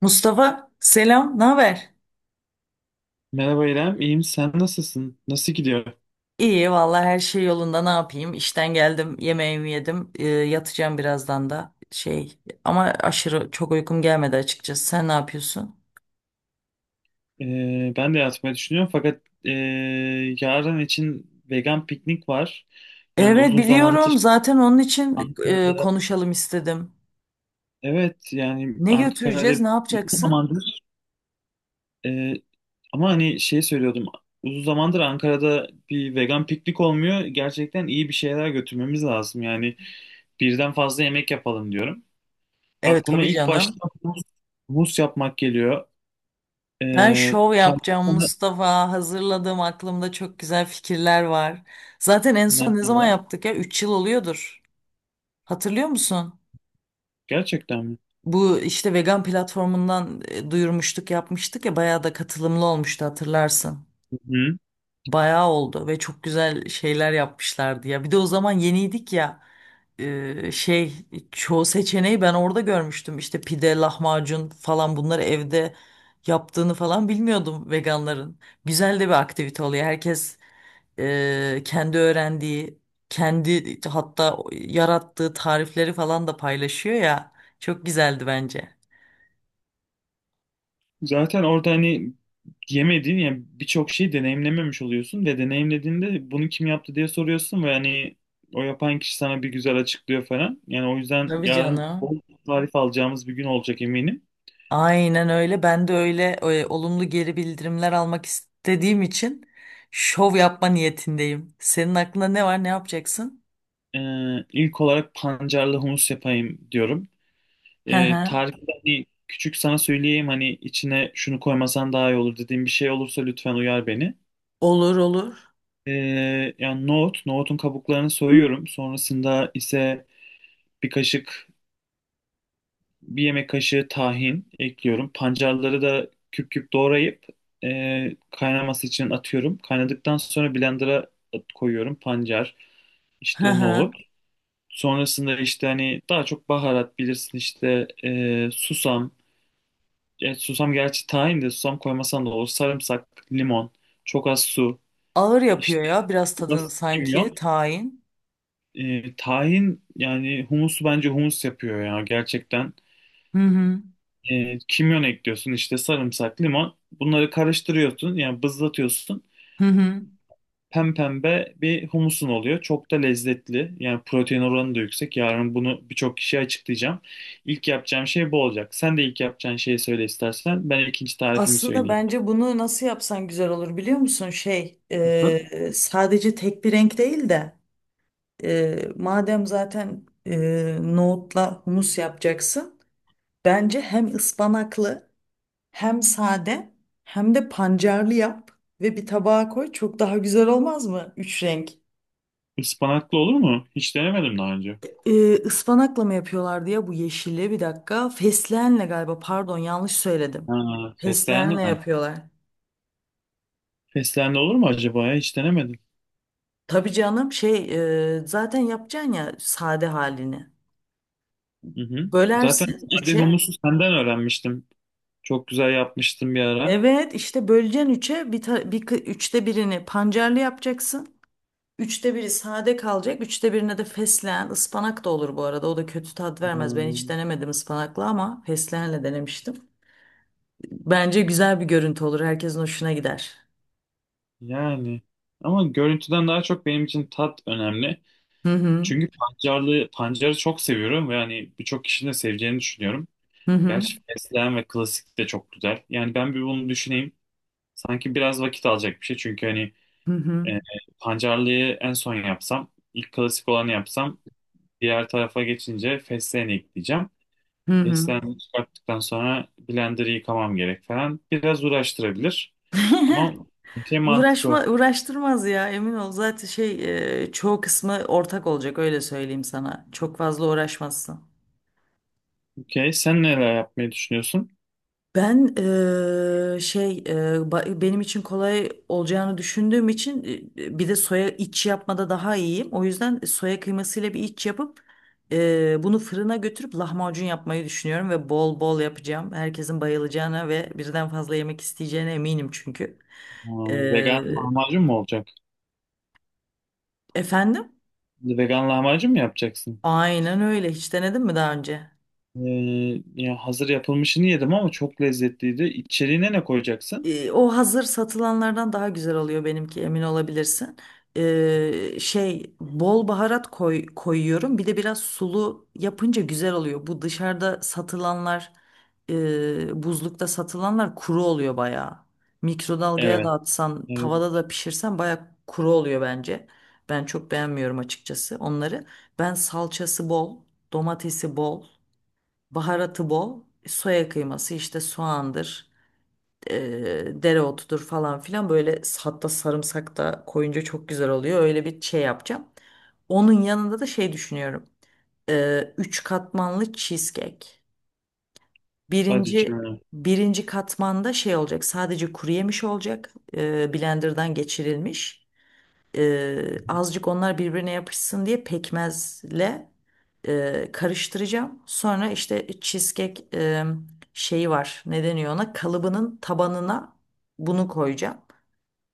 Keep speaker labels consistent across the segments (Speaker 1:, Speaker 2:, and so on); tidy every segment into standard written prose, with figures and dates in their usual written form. Speaker 1: Mustafa selam, ne haber?
Speaker 2: Merhaba İrem, iyiyim. Sen nasılsın? Nasıl gidiyor?
Speaker 1: İyi vallahi her şey yolunda ne yapayım? İşten geldim, yemeğimi yedim, yatacağım birazdan da ama aşırı çok uykum gelmedi açıkçası. Sen ne yapıyorsun?
Speaker 2: Ben de yatmayı düşünüyorum fakat yarın için vegan piknik var. Yani
Speaker 1: Evet
Speaker 2: uzun
Speaker 1: biliyorum
Speaker 2: zamandır
Speaker 1: zaten onun için konuşalım istedim.
Speaker 2: evet yani
Speaker 1: Ne
Speaker 2: Ankara'da
Speaker 1: götüreceğiz, ne
Speaker 2: uzun
Speaker 1: yapacaksın?
Speaker 2: zamandır ee, ama hani şey söylüyordum uzun zamandır Ankara'da bir vegan piknik olmuyor. Gerçekten iyi bir şeyler götürmemiz lazım. Yani birden fazla yemek yapalım diyorum.
Speaker 1: Evet
Speaker 2: Aklıma
Speaker 1: tabii
Speaker 2: ilk başta
Speaker 1: canım.
Speaker 2: humus, humus yapmak geliyor.
Speaker 1: Ben
Speaker 2: Ee,
Speaker 1: şov yapacağım
Speaker 2: tavuktan-
Speaker 1: Mustafa. Hazırladım, aklımda çok güzel fikirler var. Zaten en son ne zaman yaptık ya? 3 yıl oluyordur. Hatırlıyor musun?
Speaker 2: Gerçekten mi?
Speaker 1: Bu işte vegan platformundan duyurmuştuk, yapmıştık ya, bayağı da katılımlı olmuştu hatırlarsın.
Speaker 2: Hı.
Speaker 1: Bayağı oldu ve çok güzel şeyler yapmışlardı ya. Bir de o zaman yeniydik ya, e, şey çoğu seçeneği ben orada görmüştüm. İşte pide, lahmacun falan bunları evde yaptığını falan bilmiyordum veganların. Güzel de bir aktivite oluyor. Herkes kendi öğrendiği, kendi hatta yarattığı tarifleri falan da paylaşıyor ya. Çok güzeldi bence.
Speaker 2: Zaten orada hani yemediğin yani birçok şeyi deneyimlememiş oluyorsun ve deneyimlediğinde bunu kim yaptı diye soruyorsun ve hani o yapan kişi sana bir güzel açıklıyor falan. Yani o yüzden
Speaker 1: Tabii
Speaker 2: yarın
Speaker 1: canım.
Speaker 2: bol tarif alacağımız bir gün olacak eminim.
Speaker 1: Aynen öyle. Ben de öyle, olumlu geri bildirimler almak istediğim için şov yapma niyetindeyim. Senin aklında ne var? Ne yapacaksın?
Speaker 2: İlk olarak pancarlı humus yapayım diyorum.
Speaker 1: Hı hı.
Speaker 2: Tarifi de hani küçük sana söyleyeyim, hani içine şunu koymasan daha iyi olur dediğim bir şey olursa lütfen uyar beni.
Speaker 1: Olur olur.
Speaker 2: Yani nohut, nohutun kabuklarını soyuyorum. Sonrasında ise bir kaşık, bir yemek kaşığı tahin ekliyorum. Pancarları da küp küp doğrayıp kaynaması için atıyorum. Kaynadıktan sonra blender'a koyuyorum pancar,
Speaker 1: Hı
Speaker 2: işte
Speaker 1: hı.
Speaker 2: nohut. Sonrasında işte hani daha çok baharat bilirsin işte susam. Susam gerçi, tahin de susam, koymasan da olur. Sarımsak, limon, çok az su,
Speaker 1: Ağır
Speaker 2: işte
Speaker 1: yapıyor ya biraz tadın,
Speaker 2: biraz
Speaker 1: sanki
Speaker 2: kimyon.
Speaker 1: tayin.
Speaker 2: Tahin yani humusu bence humus yapıyor ya gerçekten.
Speaker 1: Hı hı.
Speaker 2: Kimyon ekliyorsun işte, sarımsak, limon. Bunları karıştırıyorsun yani bızlatıyorsun.
Speaker 1: Hı hı.
Speaker 2: Pempembe bir humusun oluyor. Çok da lezzetli. Yani protein oranı da yüksek. Yarın bunu birçok kişiye açıklayacağım. İlk yapacağım şey bu olacak. Sen de ilk yapacağın şeyi söyle istersen. Ben ikinci tarifimi
Speaker 1: Aslında
Speaker 2: söyleyeyim.
Speaker 1: bence bunu nasıl yapsan güzel olur biliyor musun? Sadece tek bir renk değil de madem zaten nohutla humus yapacaksın. Bence hem ıspanaklı, hem sade, hem de pancarlı yap ve bir tabağa koy. Çok daha güzel olmaz mı? Üç renk.
Speaker 2: Ispanaklı olur mu? Hiç denemedim daha önce.
Speaker 1: Ispanakla mı yapıyorlardı ya bu yeşili, bir dakika. Fesleğenle galiba, pardon yanlış söyledim.
Speaker 2: Ha, fesleğenli
Speaker 1: Fesleğenle
Speaker 2: mi?
Speaker 1: yapıyorlar.
Speaker 2: Fesleğenli olur mu acaba ya? Hiç denemedim.
Speaker 1: Tabii canım, zaten yapacaksın ya sade halini.
Speaker 2: Hı hı. Zaten
Speaker 1: Bölersin
Speaker 2: sade
Speaker 1: üçe.
Speaker 2: humusu senden öğrenmiştim. Çok güzel yapmıştım bir ara.
Speaker 1: Evet işte böleceksin üçe, bir, ta- bir kı- üçte birini pancarlı yapacaksın. Üçte biri sade kalacak. Üçte birine de fesleğen, ıspanak da olur bu arada. O da kötü tat vermez. Ben hiç
Speaker 2: Hmm.
Speaker 1: denemedim ıspanaklı ama fesleğenle denemiştim. Bence güzel bir görüntü olur. Herkesin hoşuna gider.
Speaker 2: Yani ama görüntüden daha çok benim için tat önemli.
Speaker 1: Hı hı.
Speaker 2: Çünkü pancarlı, pancarı çok seviyorum ve hani birçok kişinin de seveceğini düşünüyorum.
Speaker 1: Hı hı.
Speaker 2: Gerçi fesleğen ve klasik de çok güzel. Yani ben bir bunu düşüneyim. Sanki biraz vakit alacak bir şey. Çünkü hani
Speaker 1: Hı hı.
Speaker 2: e, pancarlıyı en son yapsam, ilk klasik olanı yapsam, diğer tarafa geçince fesleğeni ekleyeceğim.
Speaker 1: Hı hı.
Speaker 2: Fesleğeni çıkarttıktan sonra blender'ı yıkamam gerek falan. Biraz uğraştırabilir. Ama şey
Speaker 1: Uğraşma,
Speaker 2: mantıklı.
Speaker 1: uğraştırmaz ya, emin ol. Zaten, çoğu kısmı ortak olacak, öyle söyleyeyim sana. Çok fazla uğraşmazsın.
Speaker 2: Okey. Sen neler yapmayı düşünüyorsun?
Speaker 1: Ben, benim için kolay olacağını düşündüğüm için, bir de soya iç yapmada daha iyiyim. O yüzden soya kıymasıyla bir iç yapıp, bunu fırına götürüp lahmacun yapmayı düşünüyorum ve bol bol yapacağım. Herkesin bayılacağına ve birden fazla yemek isteyeceğine eminim çünkü.
Speaker 2: Aa, vegan
Speaker 1: Eee,
Speaker 2: lahmacun mu olacak?
Speaker 1: Efendim?
Speaker 2: Vegan lahmacun mu yapacaksın?
Speaker 1: Aynen öyle. Hiç denedin mi daha önce?
Speaker 2: Ee, ya hazır yapılmışını yedim ama çok lezzetliydi. İçeriğine ne koyacaksın?
Speaker 1: O hazır satılanlardan daha güzel oluyor benimki, emin olabilirsin. Bol baharat koyuyorum. Bir de biraz sulu yapınca güzel oluyor. Bu dışarıda satılanlar, buzlukta satılanlar kuru oluyor bayağı. Mikrodalgaya da
Speaker 2: Evet.
Speaker 1: atsan, tavada
Speaker 2: Evet.
Speaker 1: da pişirsen bayağı kuru oluyor bence. Ben çok beğenmiyorum açıkçası onları. Ben salçası bol, domatesi bol, baharatı bol, soya kıyması, işte soğandır, dereotudur falan filan, böyle hatta sarımsak da koyunca çok güzel oluyor. Öyle bir şey yapacağım. Onun yanında da şey düşünüyorum. Üç katmanlı cheesecake.
Speaker 2: Hadi
Speaker 1: Birinci
Speaker 2: canım.
Speaker 1: birinci katmanda şey olacak. Sadece kuru yemiş olacak. Blenderdan geçirilmiş. Azıcık onlar birbirine yapışsın diye pekmezle karıştıracağım. Sonra işte cheesecake şeyi var. Ne deniyor ona? Kalıbının tabanına bunu koyacağım.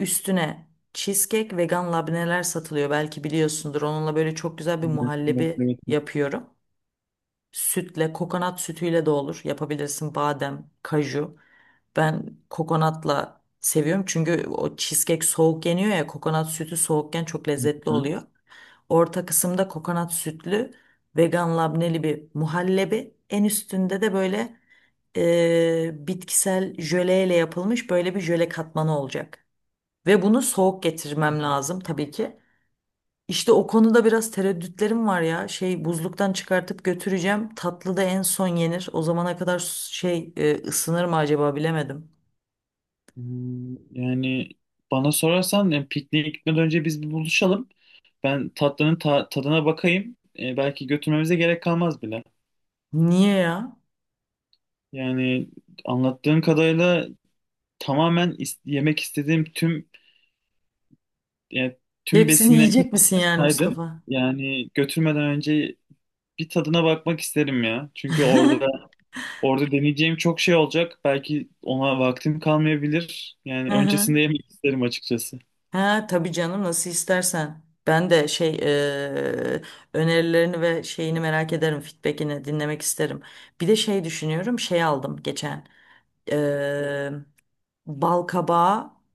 Speaker 1: Üstüne cheesecake vegan labneler satılıyor. Belki biliyorsundur. Onunla böyle çok güzel bir
Speaker 2: Evet, evet,
Speaker 1: muhallebi
Speaker 2: evet.
Speaker 1: yapıyorum. Sütle, kokonat sütüyle de olur. Yapabilirsin, badem, kaju. Ben kokonatla seviyorum çünkü o cheesecake soğuk yeniyor ya, kokonat sütü soğukken çok
Speaker 2: Evet.
Speaker 1: lezzetli
Speaker 2: Hı.
Speaker 1: oluyor. Orta kısımda kokonat sütlü, vegan labneli bir muhallebi. En üstünde de böyle, bitkisel jöleyle yapılmış böyle bir jöle katmanı olacak. Ve bunu soğuk getirmem lazım tabii ki. İşte o konuda biraz tereddütlerim var ya. Buzluktan çıkartıp götüreceğim. Tatlı da en son yenir. O zamana kadar ısınır mı acaba, bilemedim.
Speaker 2: Yani bana sorarsan, yani pikniğe gitmeden önce biz bir buluşalım. Ben tatlının tadına bakayım. Belki götürmemize gerek kalmaz bile.
Speaker 1: Niye ya?
Speaker 2: Yani anlattığın kadarıyla tamamen yemek istediğim tüm, yani tüm
Speaker 1: Hepsini
Speaker 2: besinlerini
Speaker 1: yiyecek misin yani
Speaker 2: saydım.
Speaker 1: Mustafa?
Speaker 2: Yani götürmeden önce bir tadına bakmak isterim ya. Çünkü orada deneyeceğim çok şey olacak. Belki ona vaktim kalmayabilir. Yani
Speaker 1: Hı hı.
Speaker 2: öncesinde yemek isterim açıkçası.
Speaker 1: Ha tabii canım, nasıl istersen. Ben de önerilerini ve şeyini merak ederim. Feedback'ini dinlemek isterim. Bir de şey düşünüyorum. Şey aldım geçen. E, Bal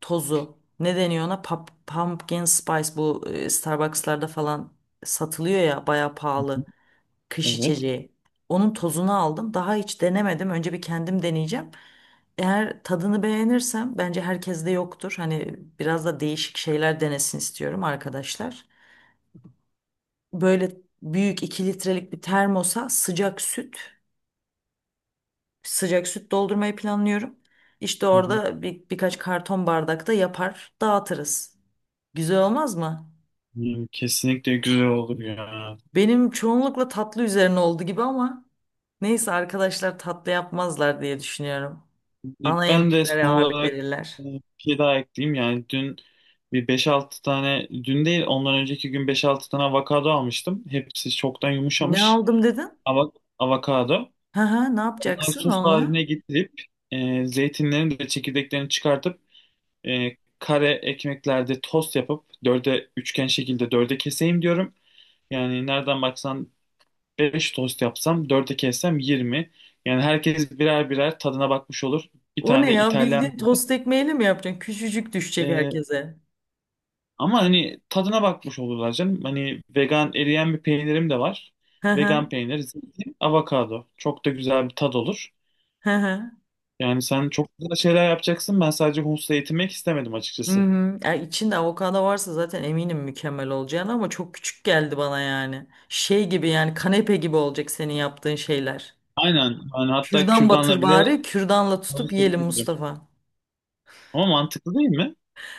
Speaker 1: tozu. Ne deniyor ona? Pumpkin spice, bu Starbucks'larda falan satılıyor ya, bayağı
Speaker 2: Hı hı.
Speaker 1: pahalı kış
Speaker 2: Evet.
Speaker 1: içeceği. Onun tozunu aldım. Daha hiç denemedim. Önce bir kendim deneyeceğim. Eğer tadını beğenirsem, bence herkeste yoktur. Hani biraz da değişik şeyler denesin istiyorum arkadaşlar. Böyle büyük 2 litrelik bir termosa sıcak süt, sıcak süt doldurmayı planlıyorum. İşte
Speaker 2: Hı hı.
Speaker 1: orada birkaç karton bardakta yapar, dağıtırız. Güzel olmaz mı?
Speaker 2: Yani kesinlikle güzel olur ya.
Speaker 1: Benim çoğunlukla tatlı üzerine oldu gibi ama neyse, arkadaşlar tatlı yapmazlar diye düşünüyorum. Ana
Speaker 2: Ben de son
Speaker 1: yemeklere ağırlık
Speaker 2: olarak
Speaker 1: verirler.
Speaker 2: bir şey daha ekleyeyim. Yani dün bir beş altı tane, dün değil ondan önceki gün beş altı tane avokado almıştım. Hepsi çoktan
Speaker 1: Ne
Speaker 2: yumuşamış.
Speaker 1: aldım dedin?
Speaker 2: Ava- avokado.
Speaker 1: Hı hı, ne
Speaker 2: Onları
Speaker 1: yapacaksın
Speaker 2: sos
Speaker 1: onunla?
Speaker 2: haline getirip zeytinlerin de çekirdeklerini çıkartıp e, kare ekmeklerde tost yapıp dörde, üçgen şekilde dörde keseyim diyorum. Yani nereden baksan 5 tost yapsam, dörde kessem 20. Yani herkes birer birer tadına bakmış olur. Bir
Speaker 1: O
Speaker 2: tane
Speaker 1: ne
Speaker 2: de
Speaker 1: ya,
Speaker 2: İtalyan,
Speaker 1: bildiğin tost ekmeğiyle mi yapacaksın? Küçücük düşecek
Speaker 2: e,
Speaker 1: herkese.
Speaker 2: ama hani tadına bakmış olurlar canım. Hani vegan eriyen bir peynirim de var.
Speaker 1: Hı hı,
Speaker 2: Vegan peynir, zeytin, avokado. Çok da güzel bir tad olur.
Speaker 1: hı hı.
Speaker 2: Yani sen çok güzel şeyler yapacaksın. Ben sadece Humus'la yetinmek istemedim
Speaker 1: Hı
Speaker 2: açıkçası.
Speaker 1: hı. Ya içinde avokado varsa zaten eminim mükemmel olacağını, ama çok küçük geldi bana yani. Şey gibi yani, kanepe gibi olacak senin yaptığın şeyler.
Speaker 2: Aynen. Yani hatta
Speaker 1: Kürdan batır
Speaker 2: kürdanla bile
Speaker 1: bari, kürdanla tutup yiyelim
Speaker 2: savaşabilirim.
Speaker 1: Mustafa.
Speaker 2: Ama mantıklı değil mi?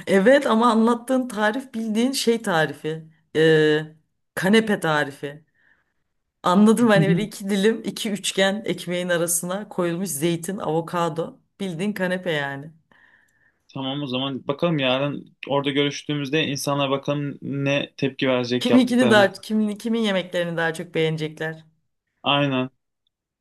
Speaker 1: Evet ama anlattığın tarif bildiğin şey tarifi. Ee, Kanepe tarifi. Anladım, hani böyle 2 dilim, iki üçgen ekmeğin arasına koyulmuş zeytin, avokado. Bildiğin kanepe yani.
Speaker 2: Tamam, o zaman bakalım yarın orada görüştüğümüzde insanlar bakalım ne tepki verecek yaptıklarımız.
Speaker 1: Kimin kimin yemeklerini daha çok beğenecekler.
Speaker 2: Aynen.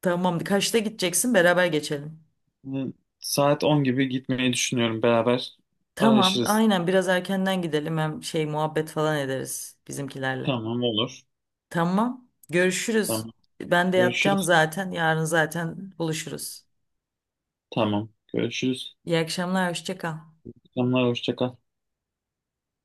Speaker 1: Tamam kaçta gideceksin, beraber geçelim.
Speaker 2: Hı, saat 10 gibi gitmeyi düşünüyorum. Beraber
Speaker 1: Tamam
Speaker 2: araşırız.
Speaker 1: aynen, biraz erkenden gidelim, hem muhabbet falan ederiz bizimkilerle.
Speaker 2: Tamam, olur.
Speaker 1: Tamam, görüşürüz.
Speaker 2: Tamam.
Speaker 1: Ben de yatacağım
Speaker 2: Görüşürüz.
Speaker 1: zaten, yarın zaten buluşuruz.
Speaker 2: Tamam. Görüşürüz.
Speaker 1: İyi akşamlar, hoşça kal.
Speaker 2: Tamamlar, hoşça kal.